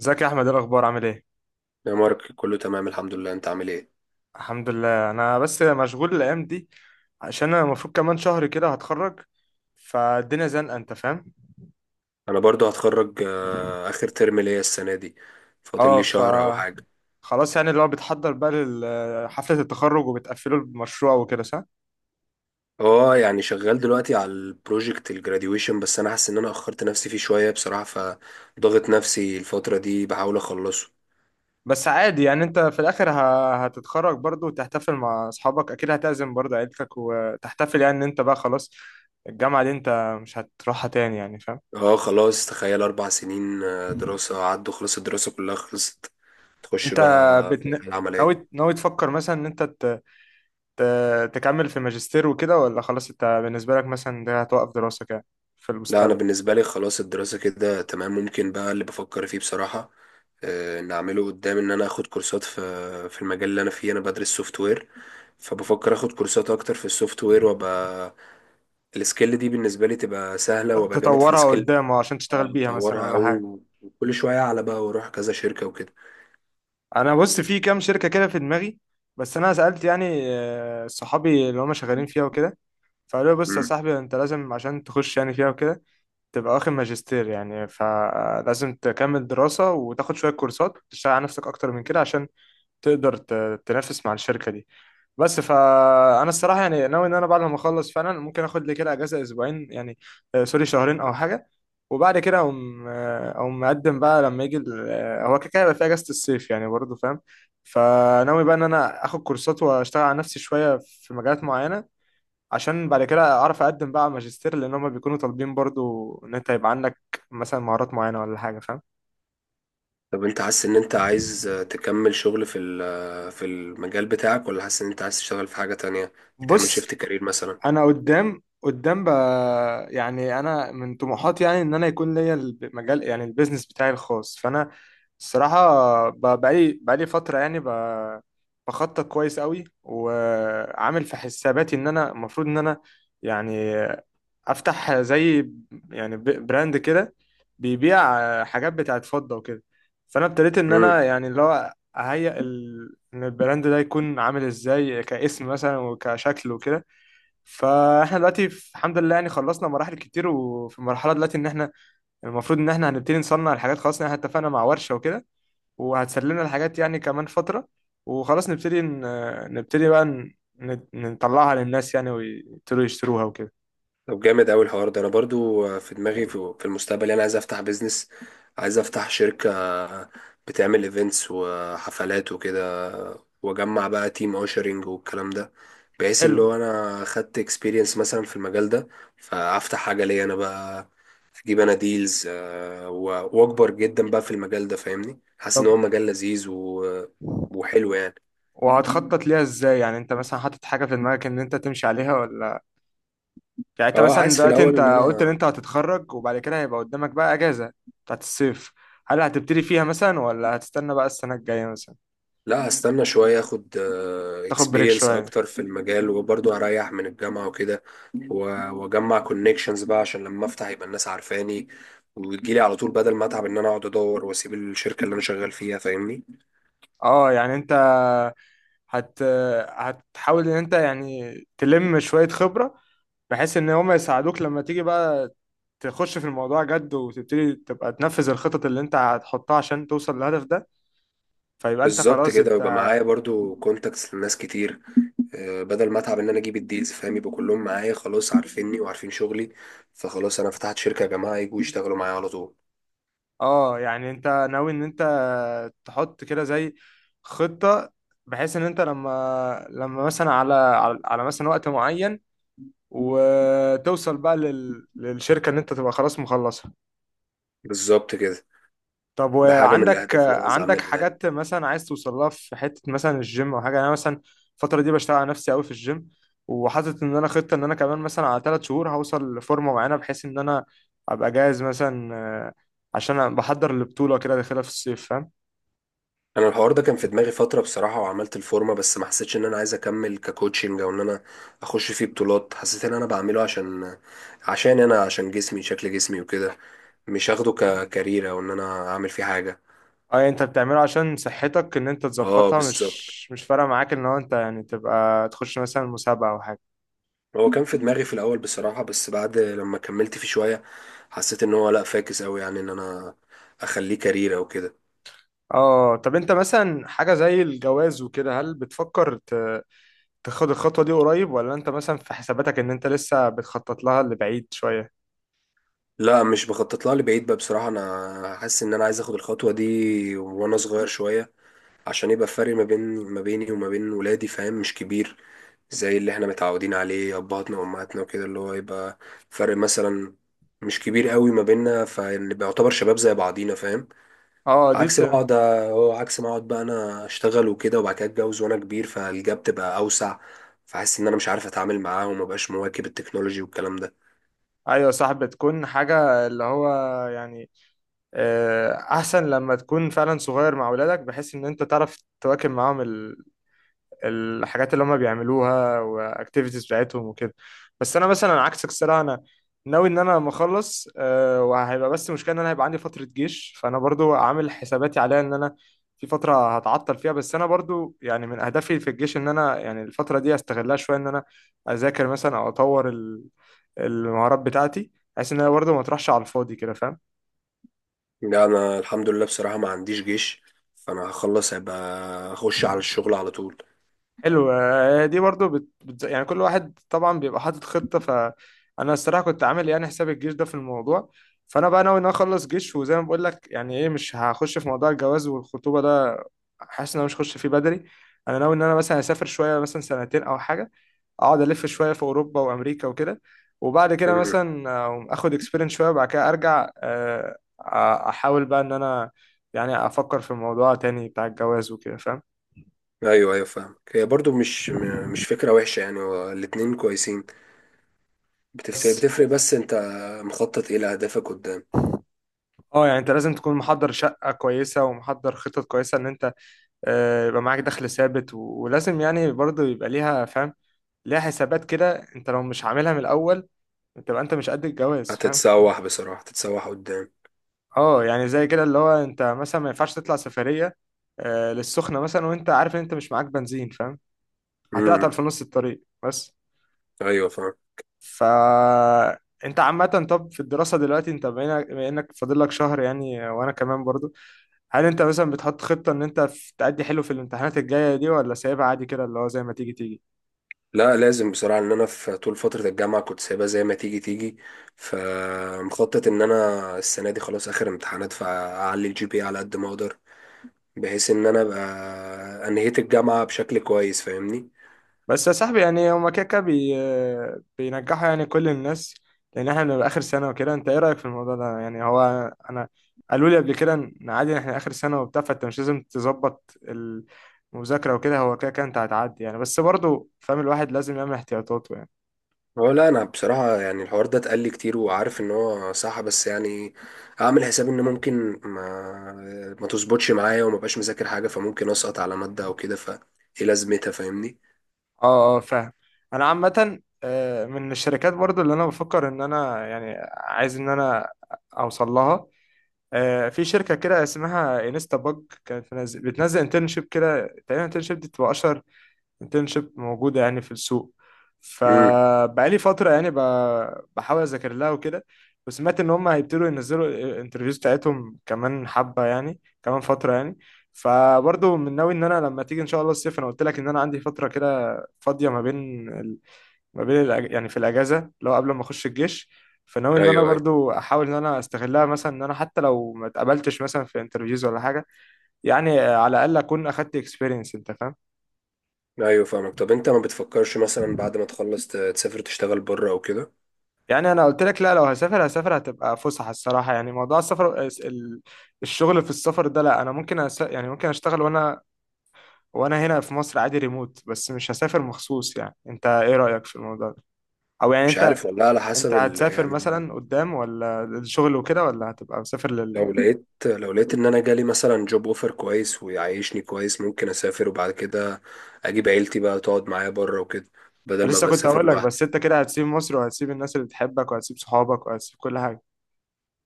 ازيك يا احمد، ايه الاخبار، عامل ايه؟ يا مارك، كله تمام الحمد لله. انت عامل ايه؟ الحمد لله. انا بس مشغول الايام دي عشان انا المفروض كمان شهر كده هتخرج، فالدنيا زنقه، انت فاهم. انا برضو هتخرج اخر ترم ليا السنه دي. فاضل اه لي ف شهر او حاجه. خلاص، يعني اللي هو بتحضر بقى لحفله التخرج وبتقفله المشروع وكده، صح؟ اه، يعني شغال دلوقتي على البروجكت الجراديويشن، بس انا حاسس ان انا اخرت نفسي فيه شويه بصراحه، فضغط نفسي الفتره دي بحاول اخلصه. بس عادي، يعني انت في الاخر هتتخرج برضه وتحتفل مع اصحابك، اكيد هتعزم برضه عيلتك وتحتفل، يعني ان انت بقى خلاص الجامعه دي انت مش هتروحها تاني، يعني فاهم. اه، خلاص، تخيل 4 سنين دراسه عدوا، خلاص الدراسه كلها خلصت. تخش انت بقى في بتن... الحياه العمليه. ناوي تفكر مثلا ان انت تكمل في ماجستير وكده، ولا خلاص انت بالنسبة لك مثلا ده هتوقف دراستك يعني في لا، انا المستقبل؟ بالنسبه لي خلاص الدراسه كده تمام. ممكن بقى اللي بفكر فيه بصراحه ان اعمله قدام، ان انا اخد كورسات في في المجال اللي انا فيه. انا بدرس سوفت وير، فبفكر اخد كورسات اكتر في السوفت وير، وابقى السكيل دي بالنسبه لي تبقى سهله، وابقى جامد في تطورها السكيل. قدام عشان تشتغل اه بيها مثلا، اطورها ولا قوي، حاجة؟ وكل شويه اعلى بقى، واروح كذا شركه وكده. انا بص، في كام شركة كده في دماغي، بس انا سألت يعني صحابي اللي هم شغالين فيها وكده، فقالوا لي بص يا مم. صاحبي، انت لازم عشان تخش يعني فيها وكده تبقى واخد ماجستير، يعني فلازم تكمل دراسة وتاخد شوية كورسات، تشتغل على نفسك اكتر من كده عشان تقدر تنافس مع الشركة دي. بس فانا الصراحه يعني ناوي ان انا بعد ما اخلص فعلا ممكن اخد لي كده اجازه اسبوعين، يعني سوري شهرين او حاجه. وبعد كده اقوم مقدم بقى لما يجي هو كده كده هيبقى في اجازه الصيف يعني برضه، فاهم. فناوي بقى ان انا اخد كورسات واشتغل على نفسي شويه في مجالات معينه، عشان بعد كده اعرف اقدم بقى على ماجستير، لان هم بيكونوا طالبين برضه ان انت يبقى عندك مثلا مهارات معينه ولا حاجه، فاهم. طب انت حاسس ان انت عايز تكمل شغل في ال- آه، في المجال بتاعك، ولا حاسس ان انت عايز تشتغل في حاجه تانية، تعمل بص، شيفت كارير مثلا؟ انا قدام بقى، يعني انا من طموحاتي يعني ان انا يكون ليا المجال، يعني البيزنس بتاعي الخاص. فانا الصراحه بقالي فتره يعني بخطط كويس قوي، وعامل في حساباتي ان انا المفروض ان انا يعني افتح زي يعني براند كده، بيبيع حاجات بتاعت فضه وكده. فانا ابتديت ان انا يعني اللي هو اهيئ ان البراند ده يكون عامل ازاي، كاسم مثلا وكشكل وكده. فاحنا دلوقتي الحمد لله يعني خلصنا مراحل كتير، وفي مرحله دلوقتي ان احنا المفروض ان احنا هنبتدي نصنع الحاجات خلاص، ان احنا اتفقنا مع ورشه وكده، وهتسلمنا الحاجات يعني كمان فتره. وخلاص نبتدي ن... نبتدي بقى ن... ن- نطلعها للناس يعني ويبتدوا يشتروها وكده. طب، جامد قوي الحوار ده. انا برضو في دماغي في المستقبل انا عايز افتح بيزنس، عايز افتح شركة بتعمل ايفنتس وحفلات وكده، واجمع بقى تيم اوشرنج والكلام ده، بحيث حلو. اللي هو انا خدت اكسبيرينس مثلا في المجال ده، فافتح حاجة ليا انا بقى، اجيب انا ديلز واكبر جدا بقى في المجال ده، فاهمني؟ حاسس ان هو طب مجال لذيذ وحلو يعني. وهتخطط ليها ازاي يعني؟ انت مثلا حاطط حاجه في دماغك ان انت تمشي عليها، ولا يعني انت اه، مثلا عايز في دلوقتي الاول انت ان قلت ان انا، انت هتتخرج، وبعد كده هيبقى قدامك بقى اجازه بتاعت الصيف، هل هتبتدي فيها مثلا ولا هتستنى بقى السنه الجايه مثلا؟ لا، هستنى شوية اخد تاخد بريك اكسبيرينس شوية. اكتر في المجال، وبرضه هريح من الجامعة وكده، واجمع كونكشنز بقى عشان لما افتح يبقى الناس عارفاني، وتجيلي على طول بدل ما اتعب ان انا اقعد ادور واسيب الشركة اللي انا شغال فيها، فاهمني؟ اه، يعني انت هت هتحاول ان انت يعني تلم شوية خبرة، بحيث ان هم يساعدوك لما تيجي بقى تخش في الموضوع جد، وتبتدي تبقى تنفذ الخطط اللي انت هتحطها عشان توصل للهدف ده، فيبقى انت بالظبط خلاص كده، انت. ويبقى معايا برضه كونتاكتس لناس كتير، بدل ما اتعب ان انا اجيب الديلز، فاهم؟ يبقى كلهم معايا خلاص، عارفيني وعارفين شغلي، فخلاص انا فتحت شركة يا جماعة يجوا يشتغلوا معايا على طول. اه، يعني انت ناوي ان انت تحط كده زي خطة، بحيث ان انت لما مثلا على مثلا وقت معين، وتوصل بقى للشركة ان انت تبقى خلاص مخلصة. بالظبط كده، طب ده حاجة من الاهداف اللي انا عايز عندك اعملها يعني. حاجات مثلا عايز توصل لها في حتة مثلا الجيم او حاجة؟ يعني انا مثلا الفترة دي بشتغل على نفسي قوي في الجيم، وحاطط ان انا خطة ان انا كمان مثلا على 3 شهور هوصل لفورمة معينة، بحيث ان انا ابقى جاهز مثلا، عشان أنا بحضر البطولة كده داخلها في الصيف، فاهم. انا الحوار ده كان في دماغي فتره بصراحه، وعملت الفورمه، بس ما حسيتش ان انا عايز اكمل ككوتشنج او ان انا اخش فيه بطولات. حسيت ان انا بعمله عشان انا، عشان جسمي، شكل جسمي وكده، مش هاخده ككارير او ان انا اعمل فيه حاجه. اه، يعني انت بتعمله عشان صحتك ان انت اه تظبطها، بالظبط. مش فارقة معاك ان هو انت يعني تبقى تخش مثلا مسابقة او حاجة. هو كان في دماغي في الاول بصراحه، بس بعد لما كملت فيه شويه حسيت ان هو لا، فاكس قوي يعني ان انا اخليه كارير او كده. اه، طب انت مثلا حاجة زي الجواز وكده، هل بتفكر تاخد الخطوة دي قريب، ولا انت مثلا في حساباتك ان انت لسه بتخطط لها لبعيد شوية؟ لا، مش بخطط لها لبعيد بقى بصراحه. انا حاسس ان انا عايز اخد الخطوه دي وانا صغير شويه، عشان يبقى الفرق ما بيني وما بين ولادي، فاهم؟ مش كبير، زي اللي احنا متعودين عليه ابهاتنا وامهاتنا وكده، اللي هو يبقى فرق مثلا مش كبير قوي ما بيننا، فنبقى يعتبر شباب زي بعضينا، فاهم؟ اه دي بت... عكس بقعد، هو عكس ما اقعد بقى انا اشتغل وكده، وبعد كده اتجوز وانا كبير، فالجاب تبقى اوسع، فحاسس ان انا مش عارف اتعامل معاه، ومبقاش مواكب التكنولوجي والكلام ده. ايوه، صح. بتكون حاجة اللي هو يعني احسن لما تكون فعلا صغير مع ولادك، بحيث ان انت تعرف تواكب معاهم الحاجات اللي هم بيعملوها واكتيفيتيز بتاعتهم وكده. بس انا مثلا عكسك، الصراحه انا ناوي ان انا لما اخلص وهيبقى بس مشكله ان انا هيبقى عندي فتره جيش، فانا برضو عامل حساباتي عليها ان انا في فتره هتعطل فيها. بس انا برضو يعني من اهدافي في الجيش ان انا يعني الفتره دي استغلها شويه، ان انا اذاكر مثلا او اطور المهارات بتاعتي، بحيث ان انا برضو ما تروحش على الفاضي كده، فاهم. لا، انا الحمد لله بصراحة ما عنديش جيش، فانا هخلص هيبقى اخش على الشغل على طول. حلو. آه، دي برضو بت... بت... يعني كل واحد طبعا بيبقى حاطط خطة، فأنا الصراحة كنت عامل يعني حساب الجيش ده في الموضوع، فأنا بقى ناوي إن أنا أخلص جيش. وزي ما بقول لك يعني إيه، مش هخش في موضوع الجواز والخطوبة ده، حاسس إن أنا مش هخش فيه بدري. أنا ناوي إن أنا مثلا أسافر شوية، مثلا سنتين أو حاجة، أقعد ألف شوية في أوروبا وأمريكا وكده، وبعد كده مثلا آخد إكسبيرينس شوية، وبعد كده أ- أحاول بقى إن أنا يعني أفكر في الموضوع تاني بتاع الجواز وكده، فاهم. ايوه ايوه فاهم. هي برضو مش فكره وحشه يعني، هو الاتنين كويسين، بس بتفرق. بس انت مخطط ايه لاهدافك قدام؟ اه يعني انت لازم تكون محضر شقة كويسة ومحضر خطط كويسة ان انت، يبقى معاك دخل ثابت، ولازم يعني برضه يبقى ليها، فاهم، ليها حسابات كده. انت لو مش عاملها من الاول تبقى انت مش قد الجواز، فاهم. هتتسوح بصراحه، هتتسوح قدام. اه، يعني زي كده اللي هو انت مثلا ما ينفعش تطلع سفرية، للسخنة مثلا، وانت عارف ان انت مش معاك بنزين، فاهم، امم هتعطل في نص الطريق بس. ايوه فاهم. ف انت عامة، طب في الدراسة دلوقتي انت بما إنك فاضل لك شهر يعني، وانا كمان برضه، هل انت مثلا بتحط خطة ان انت تأدي حلو في الامتحانات الجاية دي، ولا سايبها عادي كده اللي هو زي ما تيجي تيجي؟ لا، لازم بصراحه ان انا في طول فتره الجامعه كنت سايبها زي ما تيجي تيجي، فمخطط ان انا السنه دي خلاص اخر امتحانات فاعلي الجي بي على قد ما اقدر، بحيث ان انا ابقى انهيت الجامعه بشكل كويس، فاهمني؟ بس يا صاحبي، يعني هما كده كده بينجحوا يعني كل الناس، لان احنا بنبقى اخر سنة وكده. انت ايه رأيك في الموضوع ده؟ يعني هو انا قالوا لي قبل كده ان عادي احنا اخر سنة وبتاع، فانت مش لازم تظبط المذاكرة وكده، هو كده كده انت هتعدي يعني، بس برضه فاهم الواحد لازم يعمل احتياطاته يعني. هو لا، انا بصراحه يعني الحوار ده اتقال لي كتير، وعارف ان هو صح، بس يعني اعمل حساب ان ممكن ما تظبطش معايا، وما بقاش مذاكر حاجه، فممكن اسقط على ماده او كده، فايه لازمتها فاهمني؟ اه اه، فاهم. انا عامة من الشركات برضو اللي انا بفكر ان انا يعني عايز ان انا اوصل لها، في شركة كده اسمها انستا باج، كانت بتنزل انترنشيب كده، تقريبا انترنشيب دي بتبقى أشهر انترنشيب موجودة يعني في السوق. امم فبقالي فترة يعني بحاول أذاكر لها وكده. وسمعت إن هم هيبتدوا ينزلوا الانترفيوز بتاعتهم كمان حبة، يعني كمان فترة يعني، فبرضه من ناوي إن أنا لما تيجي إن شاء الله الصيف، أنا قلت لك إن أنا عندي فترة كده فاضية ما بين، يعني في الاجازه، لو قبل ما اخش الجيش. فناوي ان انا ايوه ايوه برضو احاول ان انا استغلها مثلا، ان انا حتى لو ما اتقبلتش مثلا في انترفيوز ولا حاجه، يعني على الاقل اكون اخدت اكسبيرينس، انت فاهم. ايوه فاهمك. طب انت ما بتفكرش مثلا بعد ما تخلص تسافر، تشتغل بره او كده؟ يعني انا قلت لك، لا، لو هسافر هسافر هتبقى فسحه الصراحه. يعني موضوع السفر الشغل في السفر ده، لا، انا ممكن يعني ممكن اشتغل وانا هنا في مصر عادي، ريموت، بس مش هسافر مخصوص. يعني انت ايه رايك في الموضوع ده؟ او يعني مش عارف والله، على انت حسب هتسافر يعني، مثلا قدام، ولا الشغل وكده، ولا هتبقى مسافر؟ لو لقيت ان انا جالي مثلا جوب اوفر كويس ويعيشني كويس، ممكن اسافر وبعد كده اجيب عيلتي بقى تقعد معايا بره وكده، بدل ما لسه كنت بسافر هقول لك، لوحدي، بس انت كده هتسيب مصر وهتسيب الناس اللي بتحبك وهتسيب صحابك وهتسيب كل حاجة،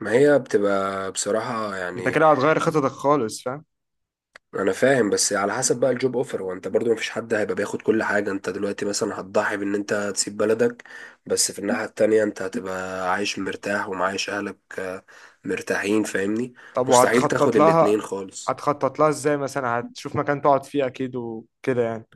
ما هي بتبقى بصراحة انت يعني. كده هتغير خططك خالص، فاهم. أنا فاهم، بس على حسب بقى الجوب أوفر. وأنت برضو مفيش حد هيبقى بياخد كل حاجة. أنت دلوقتي مثلا هتضحي بإن أنت تسيب بلدك، بس في الناحية التانية أنت هتبقى عايش مرتاح ومعايش أهلك مرتاحين فاهمني. طب مستحيل وهتخطط تاخد لها الاتنين خالص. هتخطط لها ازاي؟ مثلا هتشوف مكان تقعد فيه اكيد وكده يعني.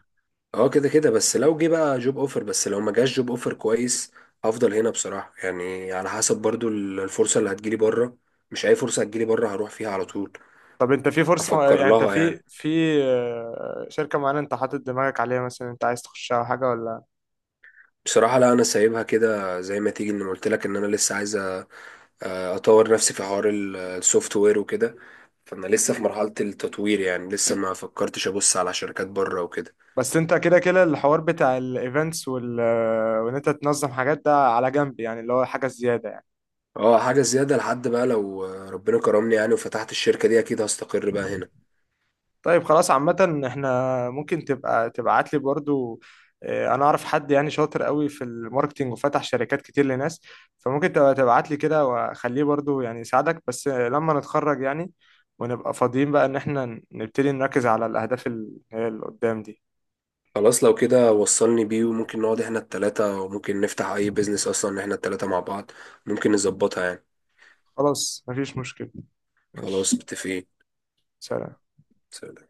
اه كده كده، بس لو جه بقى جوب أوفر، بس لو ما جاش جوب أوفر كويس، هفضل هنا بصراحة يعني، على حسب برضو الفرصة اللي هتجيلي بره، مش أي فرصة هتجيلي بره هروح فيها على طول، طب انت في فرصة، أفكر يعني انت لها في يعني. في آه، شركة معينة انت حاطط دماغك عليها مثلا، انت عايز تخشها او حاجة، ولا؟ بصراحة لا، أنا سايبها كده زي ما تيجي، إن قلت لك إن أنا لسه عايز أطور نفسي في حوار السوفت وير وكده، فأنا لسه في مرحلة التطوير يعني، لسه ما فكرتش أبص على شركات بره وكده. بس انت كده كده الحوار بتاع الايفنتس وال آه، وان انت تنظم حاجات ده على جنب، يعني اللي هو حاجة زيادة يعني. أه حاجة زيادة لحد بقى لو ربنا كرمني يعني وفتحت الشركة دي، أكيد هستقر بقى هنا. طيب خلاص، عامة احنا ممكن تبقى تبعت لي برضو، اه، انا اعرف حد يعني شاطر قوي في الماركتينج وفتح شركات كتير لناس، فممكن تبقى تبعت لي كده واخليه برضو يعني يساعدك. بس لما نتخرج يعني ونبقى فاضيين بقى ان احنا نبتدي نركز على الاهداف اللي قدام دي. خلاص، لو كده وصلني بيه، وممكن نقعد إحنا التلاتة، وممكن نفتح أي بيزنس أصلا إحنا التلاتة مع بعض، ممكن نظبطها يعني. خلاص مفيش مشكلة، ماشي، خلاص متفقين. سلام. سلام.